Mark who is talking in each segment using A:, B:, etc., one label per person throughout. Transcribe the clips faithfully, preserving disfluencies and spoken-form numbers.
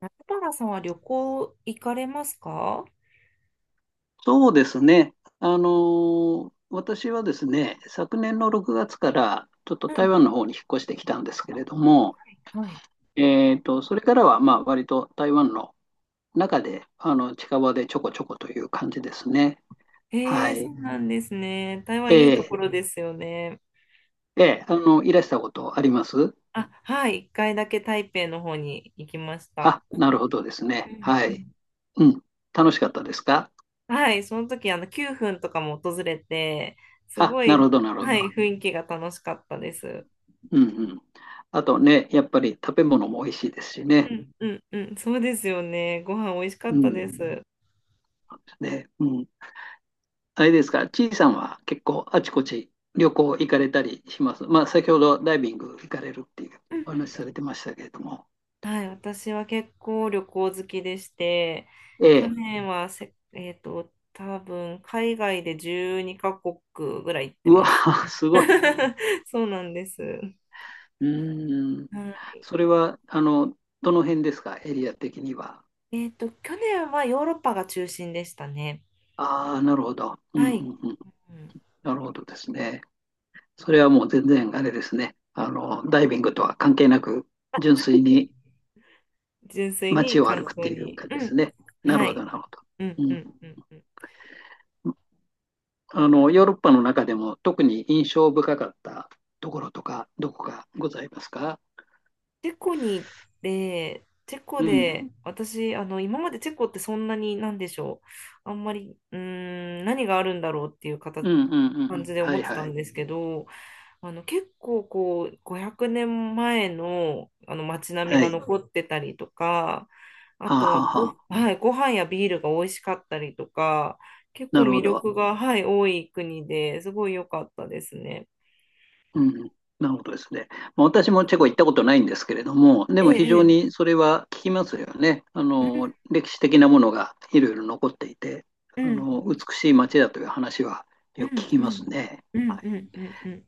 A: 中原さんは旅行行かれますか。は
B: そうですね。あの、私はですね、昨年のろくがつからちょっと台
A: い、
B: 湾の方に引っ越してきたんですけれども、
A: はい、はい。
B: えーと、それからはまあ割と台湾の中であの近場でちょこちょこという感じですね。
A: え
B: は
A: ー、そ
B: い。
A: うなんですね。台
B: え
A: 湾いいと
B: え
A: ころですよね。
B: ええあの、いらしたことあります？
A: あ、はい、一回だけ台北の方に行きました。
B: あ、なるほどです
A: う
B: ね。
A: ん
B: は
A: う
B: い。
A: ん。
B: うん。楽しかったですか？
A: はい、その時あの9分とかも訪れて、す
B: あ、
A: ご
B: なる
A: い、
B: ほど、なるほ
A: は
B: ど。
A: い、雰囲気が楽しかったです。
B: うんうん。あとね、やっぱり食べ物も美味しいですしね。
A: うんうんうん、そうですよね。ご飯美味しか
B: う
A: った
B: ん。
A: です。
B: そうですね。うん。あれですか、ちいさんは結構あちこち旅行行かれたりします？まあ、先ほどダイビング行かれるっていうお話されてましたけれども。
A: はい、私は結構旅行好きでして、
B: え
A: 去
B: え、
A: 年はせ、えっと、多分海外でじゅうにかこくカ国ぐらい行って
B: うわ、
A: ます ね。
B: すごい。
A: そうなんです。う
B: うーん。
A: ん、
B: それは、あの、どの辺ですか、エリア的には？
A: えっと、去年はヨーロッパが中心でしたね。
B: ああ、なるほど。うんう
A: はい。
B: んうん。
A: うん、
B: なるほどですね。それはもう全然あれですね。あの、ダイビングとは関係なく、純粋に
A: 純粋に
B: 街を歩
A: 観
B: くって
A: 光
B: いう
A: に。
B: 感じ
A: う
B: です
A: ん。
B: ね。なる
A: は
B: ほ
A: い。
B: ど、なるほど。
A: うん
B: う
A: う
B: ん
A: んうんうん。
B: あの、ヨーロッパの中でも特に印象深かったところとか、どこかございますか？
A: チェコに行って、チェコう
B: うん、
A: で、ん私、あの、今までチェコってそんなに、なんでしょう、あんまり、うーん、何があるんだろうっていう形、
B: うん、うん、うんう
A: 感
B: ん。
A: じで
B: は
A: 思っ
B: い、
A: て
B: は
A: たん
B: い。
A: ですけど、あの、結構こう、ごひゃくねんまえの、あの、街並み
B: は
A: が
B: い。
A: 残ってたりとか、あ
B: はあ、
A: と
B: は
A: は
B: あ、は
A: ご、
B: あ。
A: はい、ご飯やビールが美味しかったりとか、結
B: な
A: 構
B: るほ
A: 魅
B: ど。
A: 力が、はい、多い国ですごい良かったですね。
B: うん、うん。なるほどですね。まあ私もチェコ行ったことないんですけれども、で
A: え
B: も非常
A: え、
B: にそれは聞きますよね。あ
A: ええ、
B: の、歴史的なものがいろいろ残っていて、
A: う
B: あ
A: ん、
B: の、美しい街だという話は
A: う
B: よく聞
A: ん、
B: き
A: う
B: ます
A: ん、
B: ね。
A: うん、
B: は
A: うん、う
B: い。
A: ん、うん、うん。うん、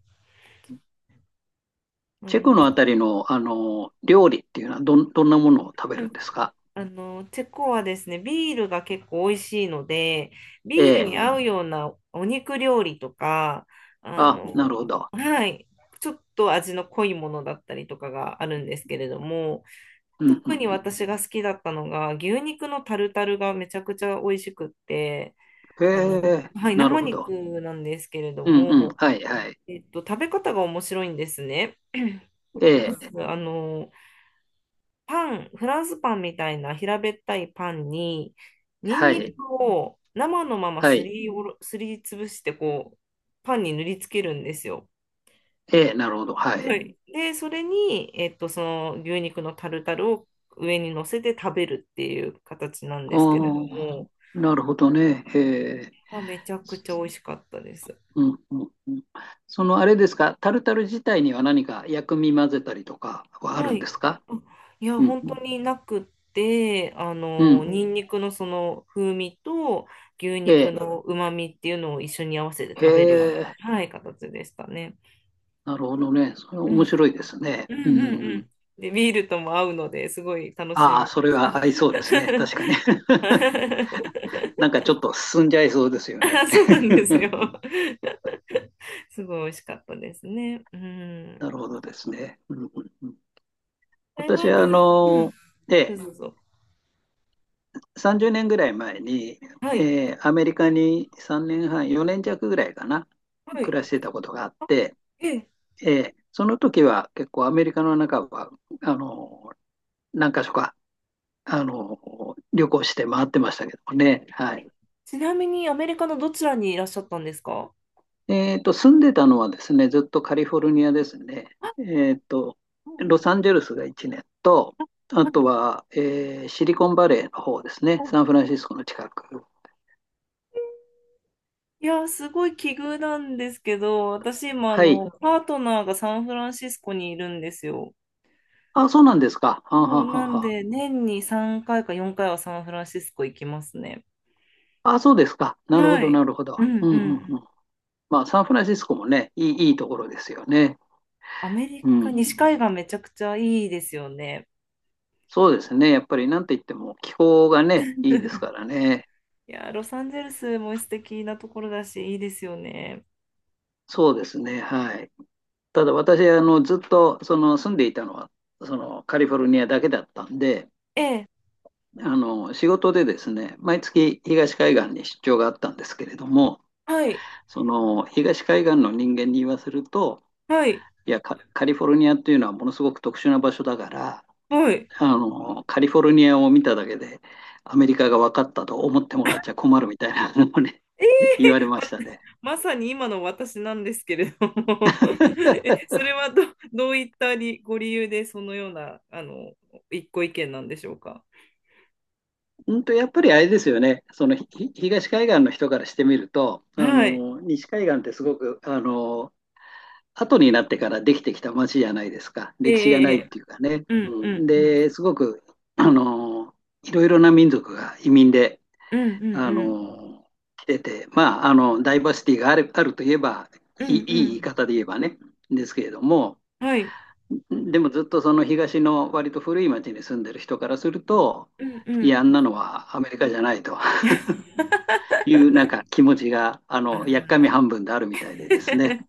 A: あ
B: チェコのあ
A: の、
B: たりの、あの料理っていうのはどん、どんなものを食べ
A: う
B: るん
A: ん、
B: ですか？
A: あの、チェコはですね、ビールが結構美味しいので、
B: え
A: ビールう
B: え。
A: に合うん。ようなお肉料理とか、あ
B: あ、なる
A: の、
B: ほど。
A: はい、ちょっと味の濃いものだったりとかがあるんですけれども、
B: うん、う
A: 特
B: ん、
A: に
B: うん。
A: 私が好きだったのが、牛肉のタルタルがめちゃくちゃ美味しくって、
B: へ
A: あの、
B: え、
A: はい、
B: なる
A: 生
B: ほど。
A: 肉なんですけれど
B: うん、うん、
A: も、
B: はい、はい。
A: えっと、食べ方が面白いんですね。
B: え
A: まず、
B: え、
A: あの、パン、フランスパンみたいな平べったいパンに、ニン
B: は
A: ニ
B: い、
A: クを生のまま
B: は
A: す
B: い。
A: りおろ、すりつぶして、こう、パンに塗りつけるんですよ。
B: ええ、なるほど、は
A: は
B: い。
A: い。で、それに、えっと、その牛肉のタルタルを上に乗せて食べるっていう形なん
B: あ
A: ですけれど
B: あ、
A: も、
B: なるほどね。へえ、
A: まあ、めちゃくちゃ美味しかったです。
B: うん、うん、うん。その、あれですか、タルタル自体には何か薬味混ぜたりとかはあ
A: は
B: るんで
A: い。
B: すか？
A: うん、いや、
B: うん、
A: 本
B: う
A: 当
B: ん、
A: になくって、あ
B: う
A: の、
B: ん。
A: ニンニクのその風味と牛
B: え
A: 肉
B: え、
A: の旨味っていうのを一緒に合わせて
B: へ
A: 食べるような、
B: え、
A: はい、形でしたね。
B: なるほどね。それ
A: う
B: 面
A: ん。
B: 白いですね。
A: うんうん
B: うん。
A: うん。で、ビールとも合うので、すごい楽し
B: ああ、
A: み
B: そ
A: で
B: れ
A: す。
B: は合いそうですね。確かに。なんかちょっと進んじゃいそうですよね。
A: あ、そうなんですよ。すごい美味しかったですね。う
B: な
A: ん。
B: るほどですね。うんうんうん、
A: 台
B: 私
A: 湾
B: はあ
A: 料理、うん。
B: の、え
A: どう
B: え、
A: ぞどうぞ。
B: さんじゅうねんぐらい前に、
A: はい。
B: えーアメリカにさんねんはん、よねん弱ぐらいかな、
A: は
B: 暮
A: い。
B: らしてたことがあっ
A: あ、
B: て、
A: ええ、
B: ええその時は結構アメリカの中は、あの、何か所か、あの、旅行して回ってましたけどもね。はい。
A: ちなみにアメリカのどちらにいらっしゃったんですか。
B: えっと、住んでたのはですね、ずっとカリフォルニアですね。
A: あ、
B: えっと、
A: はい、
B: ロサンゼルスがいちねんと、あ
A: はい、
B: とは、えーシリコンバレーの方ですね、
A: はい。
B: サンフランシスコの近く。
A: いやー、すごい奇遇なんですけど、私今、あ
B: はい。
A: の、パートナーがサンフランシスコにいるんですよ。
B: あ、そうなんですか。はんは
A: もう、
B: んはん
A: なん
B: はん。
A: で、年にさんかいかよんかいはサンフランシスコ行きますね。
B: あ、そうですか。なるほ
A: は
B: ど、な
A: い。
B: るほど。
A: う
B: う
A: ん
B: ん
A: う
B: うんう
A: ん。
B: ん。まあ、サンフランシスコもね、いい、いいところですよね。
A: アメリ
B: う
A: カ、
B: ん。
A: 西海岸めちゃくちゃいいですよね。
B: そうですね。やっぱり、なんて言っても気候がね、いいですか らね。
A: いやー、ロサンゼルスも素敵なところだし、いいですよね。
B: そうですね。はい。ただ私あのずっとその住んでいたのはそのカリフォルニアだけだったんで、
A: ええ、
B: あの仕事でですね、毎月東海岸に出張があったんですけれども、
A: はい、
B: その東海岸の人間に言わせると、
A: はい、
B: いや、カ、カリフォルニアっていうのはものすごく特殊な場所だから、
A: はい。
B: あのカリフォルニアを見ただけでアメリカが分かったと思ってもらっちゃ困るみたいなのをね、言われました ね。
A: まさに今の私なんですけれども え、それはど、どういったりご理由でそのような、あの、一個意見なんでしょうか。
B: うんと、やっぱりあれですよね、そのひ東海岸の人からしてみると、あ
A: はい。
B: の西海岸ってすごくあの後になってからできてきた街じゃないですか、
A: え
B: 歴史がないっ
A: え、ええ、
B: ていうかね。
A: うんう
B: う
A: ん
B: ん、
A: うん。
B: で、すごくあのいろいろな民族が移民で
A: うんうん
B: あ
A: うん。
B: の来てて、まあ、あのダイバーシティがある、あるといえば
A: う
B: いい、い
A: んう
B: い言い
A: ん。
B: 方で言えばね、ですけれども、
A: はい。
B: でもずっとその東の割と古い町に住んでる人からすると、
A: うんう
B: いや、あん
A: ん。
B: なのはアメリカじゃないと。いうなんか気持ちが、あ
A: あ
B: の、やっかみ
A: あ。
B: 半分であるみたいでですね。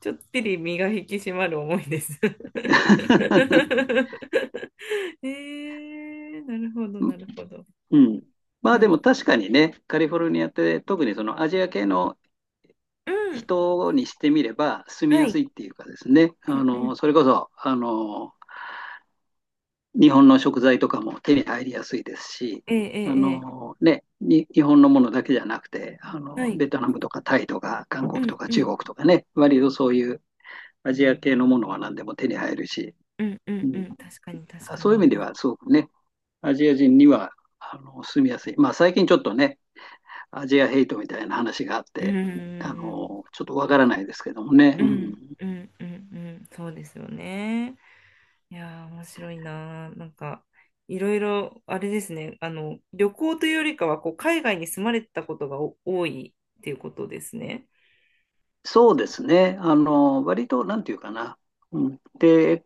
A: ちょっぴり身が引き締まる思いです ええ、なるほど、なるほど。
B: うん。ま
A: う
B: あでも
A: ん。
B: 確かにね、カリフォルニアって特にそのアジア系の
A: うん。
B: 人にしてみれば住み
A: は
B: やす
A: い。
B: いっていうかですね、
A: う
B: あ
A: んうん。
B: の、それこそ、あの、日本の食材とかも手に入りやすいですし、
A: ええ、え
B: あ
A: え、ええ、
B: のね、に日本のものだけじゃなくて、あ
A: は
B: の、
A: い。
B: ベトナムとかタイとか韓
A: う
B: 国と
A: ん
B: か
A: う
B: 中
A: ん
B: 国とかね、割とそういうアジア系のものは何でも手に入るし、
A: うんう
B: う
A: ん、う
B: ん
A: ん、確かに確か
B: そういう意味
A: に、
B: ではすごくね、アジア人にはあの住みやすい。まあ最近ちょっとね、アジアヘイトみたいな話があっ
A: うー
B: て、あ
A: ん、
B: のちょっとわからないですけどもね、
A: う
B: う
A: ん
B: ん、
A: うんうんうん、そうですよね。いやー面白いなー。なんかいろいろあれですね、あの、旅行というよりかはこう海外に住まれてたことがお多いっていうことですね。
B: そうですね、あの割となんていうかな、うん、で、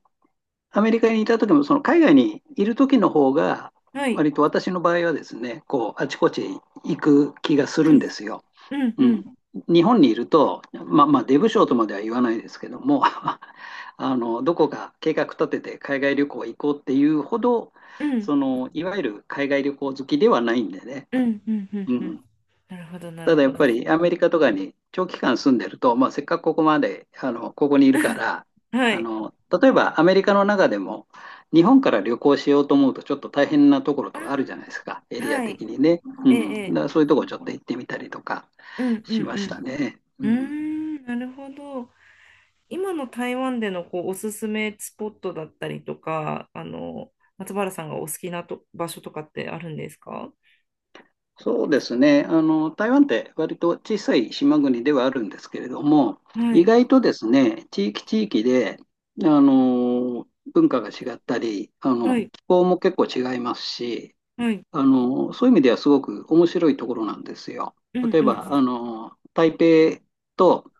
B: アメリカにいた時も、その海外にいる時の方が、
A: はい。
B: 割と私の場合はですね、こうあちこち行く気がす
A: う
B: るん
A: ん
B: ですよ。
A: うん
B: う
A: う
B: ん、
A: ん
B: 日本にいると、まあ、まあ出不精とまでは言わないですけども、 あのどこか計画立てて海外旅行行こうっていうほど、
A: うん
B: そのいわゆる海外旅行好きではないんでね、
A: うんうんうん
B: う
A: う
B: ん
A: ん。なるほど、な
B: た
A: る
B: だや
A: ほ
B: っ
A: ど。
B: ぱりアメリカとかに長期間住んでると、まあ、せっかくここまで、あの、ここにいるから、
A: は
B: あ
A: い。
B: の、例えばアメリカの中でも、日本から旅行しようと思うとちょっと大変なところと
A: あ
B: かあるじゃないですか、エ
A: あ、
B: リア
A: はい。
B: 的にね。う
A: ええ、
B: ん。だか
A: え
B: らそ
A: え、
B: ういうところちょっと行ってみたりとか
A: うんう
B: しました
A: ん
B: ね。う
A: うん。うー
B: ん。
A: ん、なるほど。今の台湾でのこうおすすめスポットだったりとか、あの、松原さんがお好きなと場所とかってあるんですか。
B: そうですね。あの、台湾って割と小さい島国ではあるんですけれども、
A: は
B: 意
A: い、
B: 外とですね、地域地域で、あの、文化が違ったり、あ
A: は
B: の、
A: い、
B: 気候も結構違いますし、
A: はい、
B: あの、そういう意味ではすごく面白いところなんですよ。
A: うん
B: 例え
A: う
B: ば、あ
A: ん、
B: の、台北と、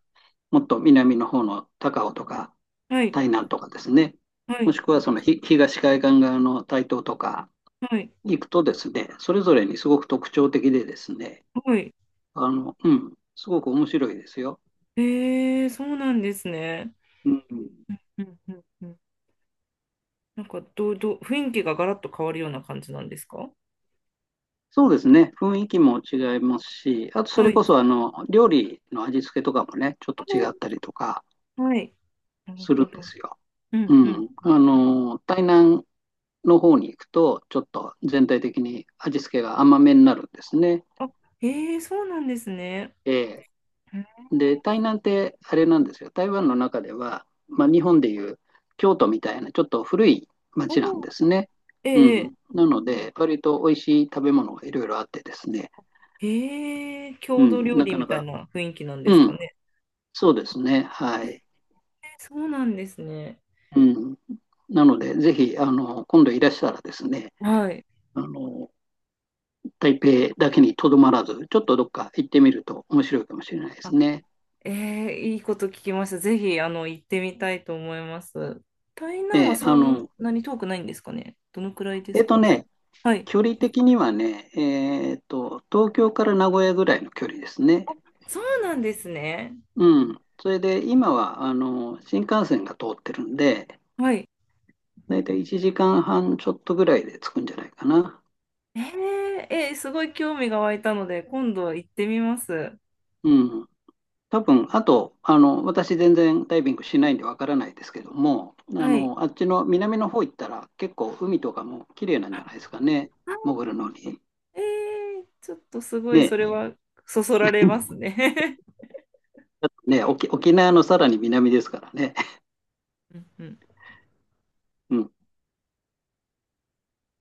B: もっと南の方の高雄とか
A: はい、
B: 台南とかですね、
A: は
B: も
A: い、
B: しくはそのひ東海岸側の台東とか
A: はい、
B: 行くとですね、それぞれにすごく特徴的でですね、
A: はい。
B: あの、うん、すごく面白いですよ。
A: えー、そうなんですね。
B: うん、
A: うんうんうん。なんかどう、どう、雰囲気がガラッと変わるような感じなんですか。
B: そうですね、雰囲気も違いますし、あとそ
A: は
B: れ
A: い。
B: こそあの料理の味付けとかもね、ちょっと違っ
A: あ、
B: たりとか
A: はい。なる
B: するん
A: ほ
B: で
A: ど。
B: すよ。
A: うんうんう
B: うん、あ
A: んうん。
B: の、台南の方に行くと、ちょっと全体的に味付けが甘めになるんですね。
A: あ、えー、そうなんですね。
B: ええで、台南ってあれなんですよ。台湾の中では、まあ、日本でいう京都みたいなちょっと古い町なん
A: おお、
B: ですね。
A: え
B: う
A: ええ、
B: ん。なので、割と美味しい食べ物がいろいろあってですね。
A: ええ、
B: う
A: 郷土
B: ん。
A: 料
B: な
A: 理
B: か
A: み
B: な
A: たい
B: か、
A: な雰囲気なんで
B: う
A: すか
B: ん。
A: ね。
B: そうですね。は
A: えー、
B: い。
A: そうなんですね。
B: うん。なので、ぜひ、あの、今度いらしたらですね、
A: はい。
B: あの、台北だけにとどまらず、ちょっとどっか行ってみると面白いかもしれないです
A: あ、
B: ね。
A: ええ、いいこと聞きました。ぜひ、あの、行ってみたいと思います。台
B: え
A: 南は
B: えあ
A: そん
B: の、
A: なに遠くないんですかね。どのくらいで
B: え
A: す
B: っと
A: か、台
B: ね、
A: はい。
B: 距離的にはね、えーっと、東京から名古屋ぐらいの距離ですね。
A: そうなんですね。
B: うん。それで、今は、あの、新幹線が通ってるんで、
A: はい。
B: だいたいいちじかんはんちょっとぐらいで着くんじゃないかな。
A: ええ、えー、すごい興味が湧いたので、今度行ってみます。
B: うん。多分、あと、あの、私全然ダイビングしないんでわからないですけども、あ
A: はい。
B: の、あっちの南の方行ったら結構海とかも綺麗なんじゃないですかね。
A: あ、
B: 潜るのに。
A: ええ、ちょっとすごい、
B: ね。
A: それはそそら れ
B: うん
A: ますね。
B: だってね、沖、沖縄のさらに南ですからね。
A: うんうん
B: うん